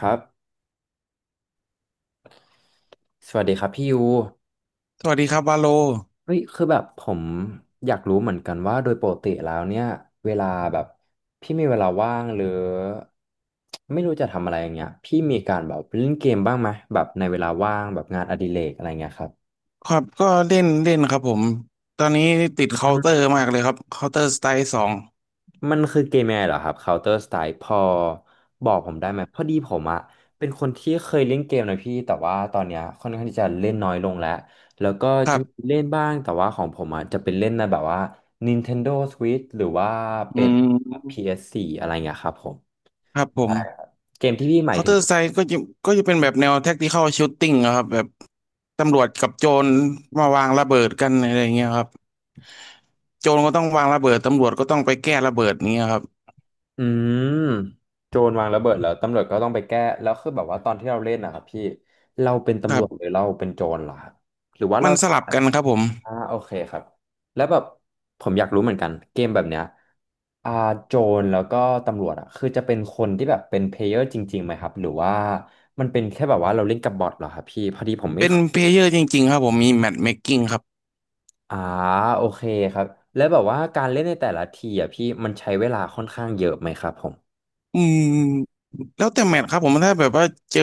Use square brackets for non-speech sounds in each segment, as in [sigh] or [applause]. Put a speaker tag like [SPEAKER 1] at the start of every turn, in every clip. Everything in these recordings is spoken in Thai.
[SPEAKER 1] ครับ สวัสดีครับพี่ยู
[SPEAKER 2] สวัสดีครับวาโล
[SPEAKER 1] เฮ้ยคือแบบผมอยากรู้เหมือนกันว่าโดยปกติแล้วเนี่ยเวลาแบบพี่มีเวลาว่างหรือไม่รู้จะทำอะไรอย่างเงี้ยพี่มีการแบบเล่นเกมบ้างไหมแบบในเวลาว่างแบบงานอดิเรกอะไรเงี้ยครับ
[SPEAKER 2] ครับก็เล่นเล่นครับผมตอนนี้ติดเคาน์เตอร์มากเลยครับเคาน์เตอร์สไตล์ 2
[SPEAKER 1] มันคือเกมยังไงเหรอครับ Counter Strike พอบอกผมได้ไหมพอดีผมอะเป็นคนที่เคยเล่นเกมนะพี่แต่ว่าตอนเนี้ยค่อนข้างที่จะเล่นน้อยลงแล้วแล้วก็
[SPEAKER 2] ค
[SPEAKER 1] จะ
[SPEAKER 2] รั
[SPEAKER 1] มี
[SPEAKER 2] บ
[SPEAKER 1] เล่นบ้างแต่ว่าของผมอะจะเป็นเล่นในแบบว่า Nintendo Switch หรือว่า
[SPEAKER 2] อื
[SPEAKER 1] เป็น
[SPEAKER 2] ม
[SPEAKER 1] PS4 อสโฟร์อะไรเงี้ยครับผม
[SPEAKER 2] ครับผ
[SPEAKER 1] ใช่ครั
[SPEAKER 2] ม
[SPEAKER 1] บเกมที่พี่หมาย
[SPEAKER 2] เคาน์
[SPEAKER 1] ถึ
[SPEAKER 2] เต
[SPEAKER 1] ง
[SPEAKER 2] อร์สไตล์ก็จะเป็นแบบแนวแท็กติคอลชูตติ้งครับแบบตำรวจกับโจรมาวางระเบิดกันอะไรอย่างเงี้ยครับโจรก็ต้องวางระเบิดตำรวจก็ต้องไปแก้ระเบิดนี้ยครับ
[SPEAKER 1] อืมโจรวางระเบิดแล้วตำรวจก็ต้องไปแก้แล้วคือแบบว่าตอนที่เราเล่นนะครับพี่เราเป็น
[SPEAKER 2] ค
[SPEAKER 1] ตำร
[SPEAKER 2] รั
[SPEAKER 1] วจหรื
[SPEAKER 2] บ
[SPEAKER 1] อเราเป็นโจรเหรอครับหรือว่า
[SPEAKER 2] มั
[SPEAKER 1] เรา
[SPEAKER 2] นสลับกันครับผม
[SPEAKER 1] โอเคครับแล้วแบบผมอยากรู้เหมือนกันเกมแบบเนี้ยอ่าโจรแล้วก็ตำรวจอ่ะคือจะเป็นคนที่แบบเป็นเพลเยอร์จริงๆไหมครับหรือว่ามันเป็นแค่แบบว่าเราเล่นกับบอทเหรอครับพี่พอดีผมไม่
[SPEAKER 2] เป็น
[SPEAKER 1] เค
[SPEAKER 2] เพ
[SPEAKER 1] ย
[SPEAKER 2] ลเยอร์จริงๆครับผมมีแมทเมคกิ้งครับ
[SPEAKER 1] อ่าโอเคครับแล้วแบบว่าการเล่นในแต่ละทีอ่ะพี่มันใช้เวลาค่อนข้างเยอะไหมครับผม
[SPEAKER 2] อืมแล้วแต่แมตช์ครับผมถ้าแบบว่าเจอ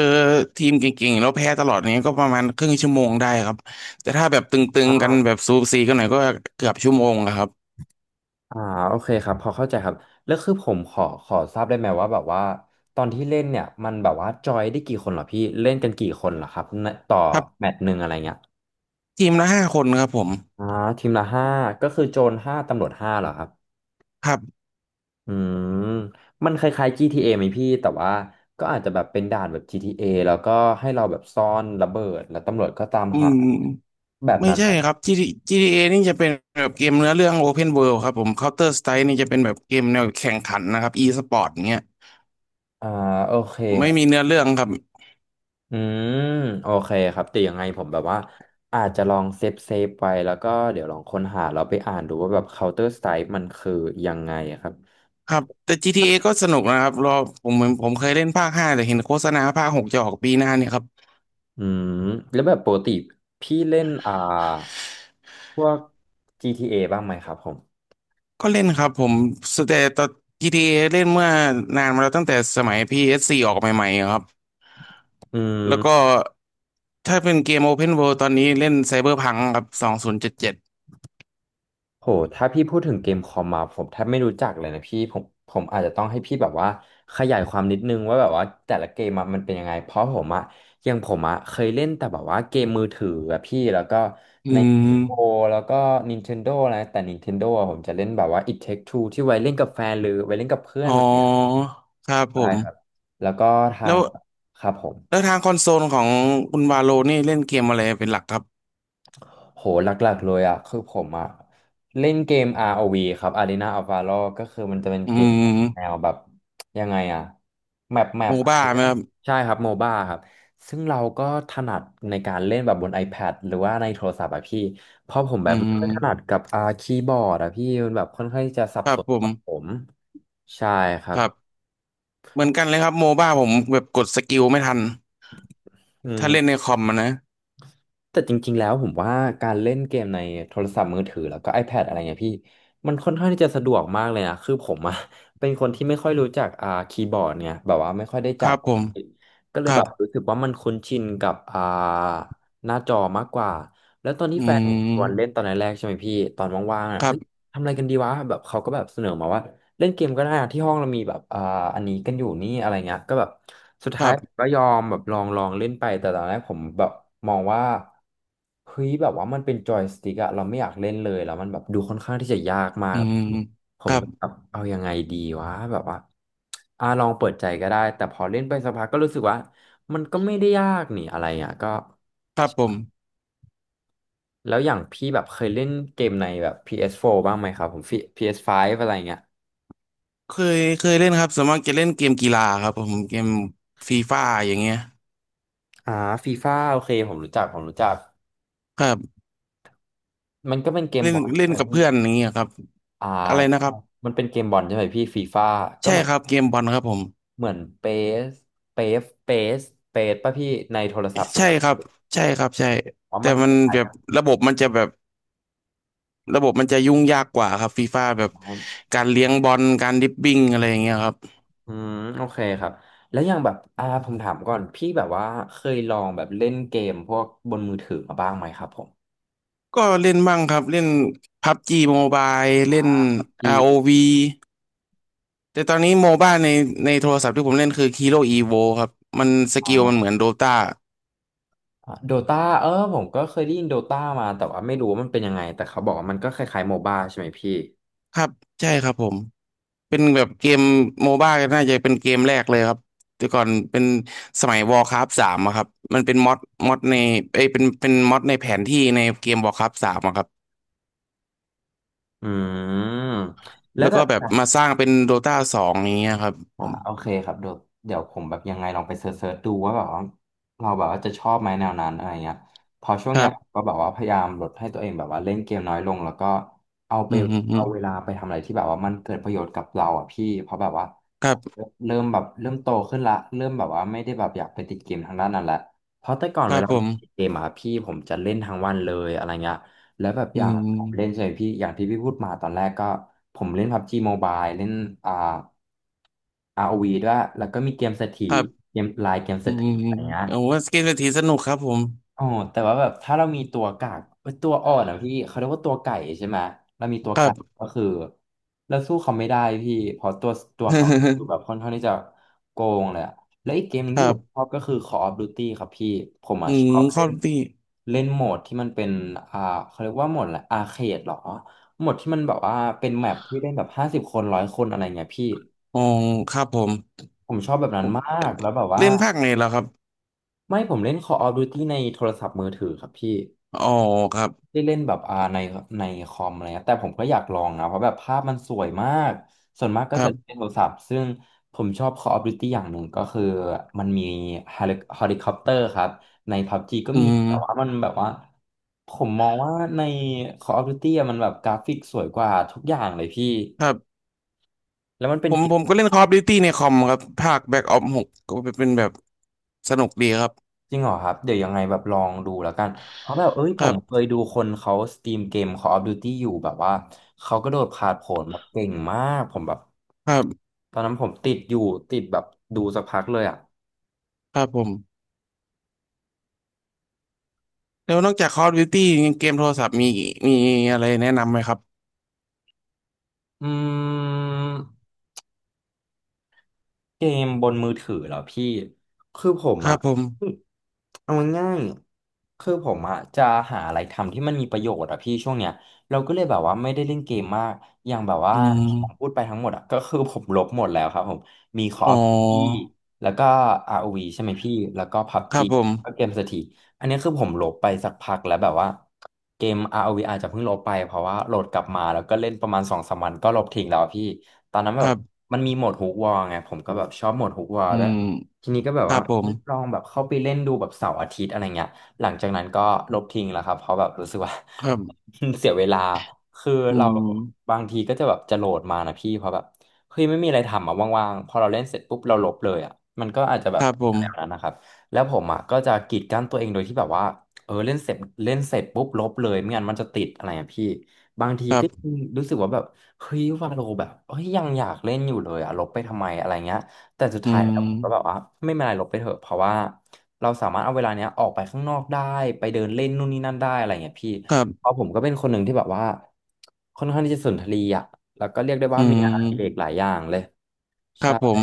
[SPEAKER 2] ทีมเก่งๆแล้วแพ้ตลอดเนี้ยก็ประมาณครึ่งชั่วโมงได้ครับแต่ถ้าแบบตึงๆกันแบบสูสีกันหน่อยก็เกือบชั่วโมงอะครับ
[SPEAKER 1] อ่าโอเคครับพอเข้าใจครับแล้วคือผมขอทราบได้ไหมว่าแบบว่าตอนที่เล่นเนี่ยมันแบบว่าจอยได้กี่คนเหรอพี่เล่นกันกี่คนเหรอครับในต่อ
[SPEAKER 2] ครับ
[SPEAKER 1] แมตช์หนึ่งอะไรเงี้ย
[SPEAKER 2] ทีมละห้าคนครับผม
[SPEAKER 1] อ่าทีมละ5ก็คือโจรห้าตำรวจห้าเหรอครับ
[SPEAKER 2] ครับ
[SPEAKER 1] อืมมันคล้ายๆ GTA ไหมพี่แต่ว่าก็อาจจะแบบเป็นด่านแบบ GTA แล้วก็ให้เราแบบซ่อนระเบิดแล้วตำรวจก็ตาม
[SPEAKER 2] อื
[SPEAKER 1] หา
[SPEAKER 2] ม
[SPEAKER 1] แบบ
[SPEAKER 2] ไม่
[SPEAKER 1] นั้น
[SPEAKER 2] ใช่
[SPEAKER 1] ไหมค
[SPEAKER 2] ค
[SPEAKER 1] รั
[SPEAKER 2] รั
[SPEAKER 1] บ
[SPEAKER 2] บ GTA GTA นี่จะเป็นแบบเกมเนื้อเรื่อง Open World ครับผม Counter Strike นี่จะเป็นแบบเกมแนวแข่งขันนะครับ e-sport เงี้ย
[SPEAKER 1] อ่าโอเคค
[SPEAKER 2] ไม่
[SPEAKER 1] รั
[SPEAKER 2] มี
[SPEAKER 1] บ
[SPEAKER 2] เนื้อเรื่องครับ
[SPEAKER 1] อืมโอเคครับแต่ยังไงผมแบบว่าอาจจะลองเซฟเซฟไว้แล้วก็เดี๋ยวลองค้นหาเราไปอ่านดูว่าแบบ Counter Strike มันคือยังไงอะครับ
[SPEAKER 2] ครับแต่ GTA ก็สนุกนะครับรอผมผมผมเคยเล่นภาค 5แต่เห็นโฆษณาภาค 6จะออกปีหน้าเนี่ยครับ
[SPEAKER 1] อืมแล้วแบบปกติพี่เล่นพวก GTA บ้างไหมครับผม
[SPEAKER 2] ก็เล่นครับผมสเตต GTA เอเล่นเมื่อนานมาแล้วตั้งแต่สมัย PS4 อสโฟร์ออกใหม่ๆครับ
[SPEAKER 1] อื
[SPEAKER 2] แล้วก็
[SPEAKER 1] ม
[SPEAKER 2] ถ้าเป็นเกม Open World ตอนนี้เล่น Cyberpunk ครับ2077องพันเจ็ดสิบเจ็ด
[SPEAKER 1] โหถ้าพี่พูดถึงเกมคอมมาผมแทบไม่รู้จักเลยนะพี่ผมอาจจะต้องให้พี่แบบว่าขยายความนิดนึงว่าแบบว่าแต่ละเกมอะมันเป็นยังไงเพราะผมอะอยังผมอะเคยเล่นแต่แบบว่าเกมมือถืออะพี่แล้วก็
[SPEAKER 2] อื
[SPEAKER 1] ใน
[SPEAKER 2] ม
[SPEAKER 1] โอแล้วก็ Nintendo อะไรแต่ Nintendo อะผมจะเล่นแบบว่า It Take Two ที่ไว้เล่นกับแฟนหรือไว้เล่นกับเพื่อ
[SPEAKER 2] อ๋
[SPEAKER 1] น
[SPEAKER 2] อ
[SPEAKER 1] อะไรอย่างเงี้ย
[SPEAKER 2] ครับผ
[SPEAKER 1] ใช่ครับ
[SPEAKER 2] ม
[SPEAKER 1] แล้วก็ทา
[SPEAKER 2] แล้
[SPEAKER 1] ง
[SPEAKER 2] ว
[SPEAKER 1] ครับผม
[SPEAKER 2] แล้วทางคอนโซลของคุณวาโลนี่เล่นเกมอะไรเป็นหลักครับ
[SPEAKER 1] โหหลักๆเลยอ่ะคือผมอ่ะเล่นเกม ROV ครับ Arena of Valor ก็คือมันจะเป็น
[SPEAKER 2] อื
[SPEAKER 1] เกมแบบแน
[SPEAKER 2] ม
[SPEAKER 1] วแบบยังไงอ่ะแมปแม
[SPEAKER 2] โม
[SPEAKER 1] ปอะไร
[SPEAKER 2] บ้าไหม
[SPEAKER 1] เงี้ย
[SPEAKER 2] ครับ
[SPEAKER 1] ใช่ครับโมบ้าครับซึ่งเราก็ถนัดในการเล่นแบบบน iPad หรือว่าในโทรศัพท์อ่ะพี่เพราะผมแบ
[SPEAKER 2] อื
[SPEAKER 1] บไม่
[SPEAKER 2] ม
[SPEAKER 1] ค่อยถนัดกับคีย์บอร์ดอ่ะพี่มันแบบค่อนข้างที่จะสับ
[SPEAKER 2] ครั
[SPEAKER 1] ส
[SPEAKER 2] บ
[SPEAKER 1] น
[SPEAKER 2] ผม
[SPEAKER 1] กับผมใช่ครั
[SPEAKER 2] ค
[SPEAKER 1] บ
[SPEAKER 2] รับ เหมือนกันเลยครับโมบ้าผมแบบกดสกิลไม่ทัน
[SPEAKER 1] อื
[SPEAKER 2] ถ้าเล่นใน
[SPEAKER 1] ม
[SPEAKER 2] คอมอะนะ
[SPEAKER 1] แต่จริงๆแล้วผมว่าการเล่นเกมในโทรศัพท์มือถือแล้วก็ iPad อะไรเงี้ยพี่มันค่อนข้างที่จะสะดวกมากเลยนะคือผมอะ [laughs] เป็นคนที่ไม่ค่อยรู้จักคีย์บอร์ดเนี่ยแบบว่าไม่ค่อยได้
[SPEAKER 2] ค
[SPEAKER 1] จั
[SPEAKER 2] รั
[SPEAKER 1] บ
[SPEAKER 2] บผม
[SPEAKER 1] ก็เล
[SPEAKER 2] ค
[SPEAKER 1] ย
[SPEAKER 2] รั
[SPEAKER 1] แบ
[SPEAKER 2] บ
[SPEAKER 1] บรู้สึกว่ามันคุ้นชินกับหน้าจอมากกว่าแล้วตอนที่
[SPEAKER 2] อื
[SPEAKER 1] แฟนผมชวนเล่น
[SPEAKER 2] ม
[SPEAKER 1] ตอนแรกๆใช่ไหมพี่ตอนว่างๆอ่ะ
[SPEAKER 2] ครั
[SPEAKER 1] เอ้
[SPEAKER 2] บ
[SPEAKER 1] ย ทำอะไรกันดีวะแบบเขาก็แบบเสนอมาว่าเล่นเกมก็ได้อะที่ห้องเรามีแบบอันนี้กันอยู่นี่อะไรเงี้ยก็แบบสุด
[SPEAKER 2] ค
[SPEAKER 1] ท้า
[SPEAKER 2] รั
[SPEAKER 1] ยผม
[SPEAKER 2] บ
[SPEAKER 1] ก็ยอมแบบลองเล่นไปแต่ตอนแรกผมแบบมองว่าเฮ้ยแบบว่ามันเป็นจอยสติ๊กอะเราไม่อยากเล่นเลยแล้วมันแบบดูค่อนข้างที่จะยากมา
[SPEAKER 2] อื
[SPEAKER 1] ก
[SPEAKER 2] ม
[SPEAKER 1] ผ
[SPEAKER 2] ค
[SPEAKER 1] ม
[SPEAKER 2] รับ
[SPEAKER 1] ก็แบบเอายังไงดีวะแบบว่าลองเปิดใจก็ได้แต่พอเล่นไปสักพักก็รู้สึกว่ามันก็ไม่ได้ยากนี่อะไรอ่ะก็
[SPEAKER 2] ครับผม
[SPEAKER 1] แล้วอย่างพี่แบบเคยเล่นเกมในแบบ PS4 บ้างไหมครับผมฟไ p s ์อะไรเงี้ย
[SPEAKER 2] เคยเล่นครับส่วนมากจะเล่นเกมกีฬาครับผมเกมฟีฟ่าอย่างเงี้ย
[SPEAKER 1] อ่าฟีฟ่าโอเคผมรู้จัก
[SPEAKER 2] ครับ
[SPEAKER 1] มันก็เป็นเกม
[SPEAKER 2] เล่
[SPEAKER 1] บ
[SPEAKER 2] น
[SPEAKER 1] อล
[SPEAKER 2] เล่
[SPEAKER 1] ใช่
[SPEAKER 2] น
[SPEAKER 1] ไหม
[SPEAKER 2] กับ
[SPEAKER 1] พี่
[SPEAKER 2] เพื่อนอย่างเงี้ยครับ
[SPEAKER 1] อ่า
[SPEAKER 2] อะไรนะครับ
[SPEAKER 1] มันเป็นเกมบอลใช่ไหมพี่ฟีฟ่าก็
[SPEAKER 2] ใช่
[SPEAKER 1] เหมือน
[SPEAKER 2] ครับเกมบอลครับผม
[SPEAKER 1] เหมือนสเปสเปสเปสป่ะพี่ในโทรศัพท์เล
[SPEAKER 2] ใช่
[SPEAKER 1] ย
[SPEAKER 2] ครับใช่ครับใช่
[SPEAKER 1] เพา
[SPEAKER 2] แต่
[SPEAKER 1] มัน
[SPEAKER 2] มั
[SPEAKER 1] ค
[SPEAKER 2] น
[SPEAKER 1] ล้าย
[SPEAKER 2] แบ
[SPEAKER 1] ๆ
[SPEAKER 2] บ
[SPEAKER 1] กัน
[SPEAKER 2] ระบบมันจะแบบระบบมันจะยุ่งยากกว่าครับฟีฟ่าแบบ
[SPEAKER 1] นะครับ
[SPEAKER 2] การเลี้ยงบอลการดริบบิ้งอะไรอย่างเงี้ยครับ
[SPEAKER 1] อืมโอเคครับแล้วอย่างแบบผมถามก่อนพี่แบบว่าเคยลองแบบเล่นเกมพวกบนมือถือมาบ้างไหมครับผม
[SPEAKER 2] ก็เล่นบ้างครับเล่นพับจีโมบา
[SPEAKER 1] อ่า
[SPEAKER 2] เล่น
[SPEAKER 1] PUG
[SPEAKER 2] r วี แต่ตอนนี้โมบ้าในโทรศัพท์ที่ผมเล่นคือ Hero Evo ครับมันสกิลมันเหมือนโดตา
[SPEAKER 1] โดตาผมก็เคยได้ยินโดตามาแต่ว่าไม่รู้ว่ามันเป็นยังไงแต่เขาบอกว่ามันก็คล้ายๆโมบ้าใช่ไหมพี่
[SPEAKER 2] ครับใช่ครับผมเป็นแบบเกมโมบ้าน่าจะเป็นเกมแรกเลยครับแต่ก่อนเป็นสมัย Warcraft สามอะครับมันเป็นม็อดในเอ้ยเป็นม็อดในแผนที่ในเกม Warcraft สามอะครับ
[SPEAKER 1] อืมแล้
[SPEAKER 2] แล้
[SPEAKER 1] ว
[SPEAKER 2] ว
[SPEAKER 1] แบ
[SPEAKER 2] ก็
[SPEAKER 1] บ
[SPEAKER 2] แบบมาสร้างเป็นโดตา 2อย่างเงี้ยครับผม
[SPEAKER 1] โอเคครับเดี๋ยวผมแบบยังไงลองไปเสิร์ชดูว่าแบบว่าเราแบบว่าจะชอบไหมแนวนั้นอะไรเงี้ยพอช่วง
[SPEAKER 2] ค
[SPEAKER 1] เนี้
[SPEAKER 2] รั
[SPEAKER 1] ยผม
[SPEAKER 2] บ
[SPEAKER 1] ก็แบบว่าพยายามลดให้ตัวเองแบบว่าเล่นเกมน้อยลงแล้วก็เอาไป
[SPEAKER 2] อืมอืมอื
[SPEAKER 1] เอา
[SPEAKER 2] ม
[SPEAKER 1] เวลาไปทำอะไรที่แบบว่ามันเกิดประโยชน์กับเราอ่ะพี่เพราะแบบว่า
[SPEAKER 2] ค
[SPEAKER 1] ผ
[SPEAKER 2] รั
[SPEAKER 1] ม
[SPEAKER 2] บ
[SPEAKER 1] เริ่มโตขึ้นละเริ่มแบบว่าไม่ได้แบบอยากไปติดเกมทางด้านนั้นละเพราะแต่ก่อน
[SPEAKER 2] ค
[SPEAKER 1] เว
[SPEAKER 2] รับ
[SPEAKER 1] ลา
[SPEAKER 2] ผม
[SPEAKER 1] ติดเกมอ่ะพี่ผมจะเล่นทั้งวันเลยอะไรเงี้ย แล้วแบบอ
[SPEAKER 2] อื
[SPEAKER 1] ย่างผมเล่น
[SPEAKER 2] ม
[SPEAKER 1] ใช่ไหมพี่อย่างที่พี่พูดมาตอนแรกก็ผมเล่น p บบ g Mobile เล่นอ่า r o ีด้วยแล้วก็มีเกมเศรษฐี
[SPEAKER 2] ครับ
[SPEAKER 1] เกมเศ
[SPEAKER 2] อื
[SPEAKER 1] รษฐี
[SPEAKER 2] ม
[SPEAKER 1] อะไรเงี้ย
[SPEAKER 2] โอ้ว่าเกมเศรษฐีสนุกครับผม
[SPEAKER 1] อ๋อแต่ว่าแบบถ้าเรามีตัวกากเอ้ยตัวอ่อนอ่ะพี่เขาเรียกว่าตัวไก่ใช่ไหมเรามีตัว
[SPEAKER 2] ครั
[SPEAKER 1] กา
[SPEAKER 2] บ
[SPEAKER 1] กก็คือเราสู้เขาไม่ได้พี่เพราะตัวเขาคือแบ
[SPEAKER 2] [laughs]
[SPEAKER 1] บค่อนข้างที่จะโกงเลยอะและอีกเกมหนึ่ง
[SPEAKER 2] ค
[SPEAKER 1] ที่
[SPEAKER 2] รั
[SPEAKER 1] ผมช
[SPEAKER 2] บ
[SPEAKER 1] อบก็คือ Call of Duty ครับพี่ผม
[SPEAKER 2] อื
[SPEAKER 1] อ่ะช
[SPEAKER 2] ม
[SPEAKER 1] อบ
[SPEAKER 2] ค
[SPEAKER 1] เล่
[SPEAKER 2] อล
[SPEAKER 1] น
[SPEAKER 2] ตี้
[SPEAKER 1] เล่นโหมดที่มันเป็นอ่าเขาเรียกว่าโหมดอะไรอาเคดหรอ โหมดที่มันแบบว่าเป็นแมปที่เล่นแบบห้าสิบคนร้อยคนอะไรเงี้ยพี่
[SPEAKER 2] อ๋อครับผม
[SPEAKER 1] ผมชอบแบบนั้
[SPEAKER 2] ผ
[SPEAKER 1] น
[SPEAKER 2] ม
[SPEAKER 1] มาก แล้วแบบว่า
[SPEAKER 2] เล่นภาคไหนแล้วครับ
[SPEAKER 1] ไม่ผมเล่น Call of Duty ในโทรศัพท์มือถือครับพี่
[SPEAKER 2] อ๋อครับ
[SPEAKER 1] ได้เล่นแบบในในคอมอะไรเงี้ยแต่ผมก็อยากลองนะเพราะแบบภาพมันสวยมากส่วนมากก็
[SPEAKER 2] ครั
[SPEAKER 1] จะเล่นใน
[SPEAKER 2] บ
[SPEAKER 1] โทรศัพท์ซึ่งผมชอบ Call of Duty อย่างหนึ่งก็คือมันมีเฮลิคอปเตอร์ครับใน PUBG ก็
[SPEAKER 2] อื
[SPEAKER 1] มีแต่ว่า
[SPEAKER 2] ม
[SPEAKER 1] มันแบบว่าผมมองว่าใน Call of Duty อะมันแบบกราฟิกสวยกว่าทุกอย่างเลยพี่
[SPEAKER 2] ครับ
[SPEAKER 1] แล้วมันเป็
[SPEAKER 2] ผ
[SPEAKER 1] น
[SPEAKER 2] ม
[SPEAKER 1] เก
[SPEAKER 2] ผ
[SPEAKER 1] ม
[SPEAKER 2] มก็เล่นคอลดิวตี้ในคอมครับภาคแบ็กออฟหกก็เป็นแบบสนุกดีครับ
[SPEAKER 1] จริงเหรอครับเดี๋ยวยังไงแบบลองดูแล้วกันเพราะแบบเอ้ย
[SPEAKER 2] ค
[SPEAKER 1] ผ
[SPEAKER 2] รั
[SPEAKER 1] มเคย
[SPEAKER 2] บ
[SPEAKER 1] ดูคนเขาสตรีมเกม Call of Duty อยู่แบบว่าเขาก็โดดผาดโผนแบบเก่งมากผมแบบ
[SPEAKER 2] ครับ
[SPEAKER 1] ตอนนั้นผมติดอยู่ติดแบบดูสักพักเลยอ่ะ
[SPEAKER 2] ครับผมแล้วนอกจากคอลดิวตี้เกมโทรศัพท์มีอะไรแนะนำไหมครับ
[SPEAKER 1] อืมเกมบนมือถือเหรอพี่คือผม
[SPEAKER 2] ครั
[SPEAKER 1] อ่ะ
[SPEAKER 2] บผม
[SPEAKER 1] เอาง่ายๆคือผมอ่ะจะหาอะไรทำที่มันมีประโยชน์อ่ะพี่ช่วงเนี้ยเราก็เลยแบบว่าไม่ได้เล่นเกมมากอย่างแบบว่า
[SPEAKER 2] อื
[SPEAKER 1] ที่ผม
[SPEAKER 2] ม
[SPEAKER 1] พูดไปทั้งหมดอ่ะก็คือผมลบหมดแล้วครับผมมี Call
[SPEAKER 2] อ๋อ
[SPEAKER 1] of Duty แล้วก็ ROV ใช่ไหมพี่แล้วก็
[SPEAKER 2] ครั
[SPEAKER 1] PUBG
[SPEAKER 2] บผ
[SPEAKER 1] แล้วก็เก
[SPEAKER 2] ม
[SPEAKER 1] มเศรษฐี อันนี้คือผมลบไปสักพักแล้วแบบว่าเกม ROV อวีอาจจะเพิ่งลบไปเพราะว่าโหลดกลับมาแล้วก็เล่นประมาณสองสามวันก็ลบทิ้งแล้วอะพี่ตอนนั้น
[SPEAKER 2] ค
[SPEAKER 1] แบบ
[SPEAKER 2] รับ
[SPEAKER 1] มันมีโหมดฮุกวอลไงผมก็แบบชอบโหมดฮุกวอล
[SPEAKER 2] อื
[SPEAKER 1] แล้ว
[SPEAKER 2] ม
[SPEAKER 1] ทีนี้ก็แบบ
[SPEAKER 2] ครั
[SPEAKER 1] ว่า
[SPEAKER 2] บผม
[SPEAKER 1] เฮ้ยลองแบบเข้าไปเล่นดูแบบเสาร์อาทิตย์อะไรเงี้ยหลังจากนั้นก็ลบทิ้งแล้วครับเพราะแบบรู้สึกว่า
[SPEAKER 2] ครับ
[SPEAKER 1] [laughs] เสียเวลาคือ
[SPEAKER 2] อื
[SPEAKER 1] เรา
[SPEAKER 2] ม
[SPEAKER 1] บางทีก็จะแบบจะโหลดมานะพี่เพราะแบบเฮ้ยไม่มีอะไรทำอ่ะว่างๆพอเราเล่นเสร็จปุ๊บเราลบเลยอ่ะมันก็อาจจะแบ
[SPEAKER 2] ค
[SPEAKER 1] บ
[SPEAKER 2] รับผ
[SPEAKER 1] แนวๆนั้น
[SPEAKER 2] ม
[SPEAKER 1] นะครับ แล้วผมอ่ะก็จะกีดกั้นตัวเองโดยที่แบบว่าเออเล่นเสร็จปุ๊บลบเลยไม่งั้นมันจะติดอะไรอ่ะพี่บางที
[SPEAKER 2] ครั
[SPEAKER 1] ก็
[SPEAKER 2] บ
[SPEAKER 1] รู้สึกว่าแบบเฮ้ยวาโลแบบเฮ้ยยังอยากเล่นอยู่เลยอ่ะลบไปทำไมอะไรเงี้ยแต่สุด
[SPEAKER 2] อื
[SPEAKER 1] ท้ายแล้
[SPEAKER 2] ม
[SPEAKER 1] วผมก็แบบว่าไม่เป็นไรลบไปเถอะเพราะว่าเราสามารถเอาเวลาเนี้ยออกไปข้างนอกได้ไปเดินเล่นนู่นนี่นั่นได้อะไรเงี้ยพี่
[SPEAKER 2] ครั
[SPEAKER 1] เพ
[SPEAKER 2] บ
[SPEAKER 1] ราะผมก็เป็นคนหนึ่งที่แบบว่าค่อนข้างที่จะสุนทรีย์อ่ะแล้วก็เรียกได้
[SPEAKER 2] อื
[SPEAKER 1] ว่ามีงานอดิเรกห
[SPEAKER 2] ม
[SPEAKER 1] ลายอย่างเลย
[SPEAKER 2] ครั
[SPEAKER 1] ใช่
[SPEAKER 2] บผม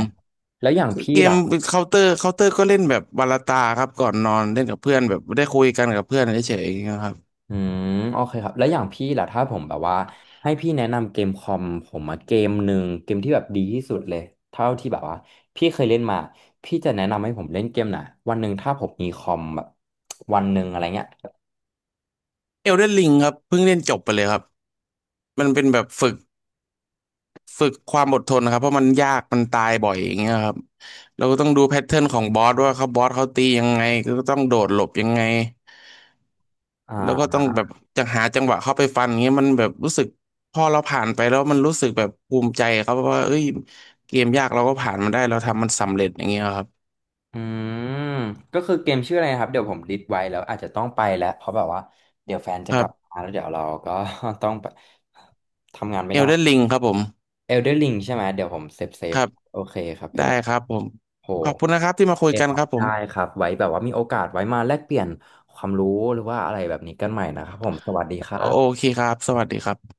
[SPEAKER 1] แล้วอย่างพี่
[SPEAKER 2] เกม
[SPEAKER 1] ล่ะ
[SPEAKER 2] เคาน์เตอร์ก็เล่นแบบวาลาตาครับก่อนนอนเล่นกับเพื่อนแบบได้คุยกันกับเพื่อนเฉยๆนยางเงี้ยครับ
[SPEAKER 1] อืมโอเคครับแล้วอย่างพี่ล่ะถ้าผมแบบว่าให้พี่แนะนำเกมคอมผมมาเกมหนึ่งเกมที่แบบดีที่สุดเลยเท่าที่แบบว่าพี่เคยเล่นมาพี่จะแนะนำให้ผมเล่นเกมไหนวันหนึ่งถ้าผมมีคอมแบบวันหนึ่งอะไรเงี้ย
[SPEAKER 2] เอลเดนลิงครับเพิ่งเล่นจบไปเลยครับมันเป็นแบบฝึกความอดทนนะครับเพราะมันยากมันตายบ่อยอย่างเงี้ยครับเราก็ต้องดูแพทเทิร์นของบอสว่าเขาบอสเขาตียังไงก็ต้องโดดหลบยังไงแล้วก็
[SPEAKER 1] อ่า
[SPEAKER 2] ต้องแบบจะหาจังหวะเข้าไปฟันเงี้ยมันแบบรู้สึกพอเราผ่านไปแล้วมันรู้สึกแบบภูมิใจครับว่าเอ้ยเกมยากเราก็ผ่านมันได้เราทำมันสำเร็จอย่างเงี้ยครั
[SPEAKER 1] อืมก็คือเกมชื่ออะไรนะครับเดี๋ยวผมลิสต์ไว้แล้วอาจจะต้องไปแล้วเพราะแบบว่าเดี๋ยวแฟนจะกลั
[SPEAKER 2] บ
[SPEAKER 1] บมาแล้วเดี๋ยวเราก็ [laughs] ต้องไปทำงานไม่
[SPEAKER 2] เอล
[SPEAKER 1] ได้
[SPEAKER 2] เดนลิงครับผม
[SPEAKER 1] Elder Ring ใช่ไหมเดี๋ยวผมเซ
[SPEAKER 2] ค
[SPEAKER 1] ฟ
[SPEAKER 2] รับ
[SPEAKER 1] โอเคครับ
[SPEAKER 2] ได้
[SPEAKER 1] Elder
[SPEAKER 2] ครับผม
[SPEAKER 1] โห
[SPEAKER 2] ขอบคุณนะครับที่มา
[SPEAKER 1] โอ
[SPEAKER 2] คุ
[SPEAKER 1] เค
[SPEAKER 2] ยกัน
[SPEAKER 1] ครั
[SPEAKER 2] ค
[SPEAKER 1] บ
[SPEAKER 2] รับผ
[SPEAKER 1] ได้
[SPEAKER 2] ม
[SPEAKER 1] ครับไว้แบบว่ามีโอกาสไว้มาแลกเปลี่ยนความรู้หรือว่าอะไรแบบนี้กันใหม่นะครับผมสวัสดีครั
[SPEAKER 2] โอ
[SPEAKER 1] บ
[SPEAKER 2] เคครับ สวัสดีครับ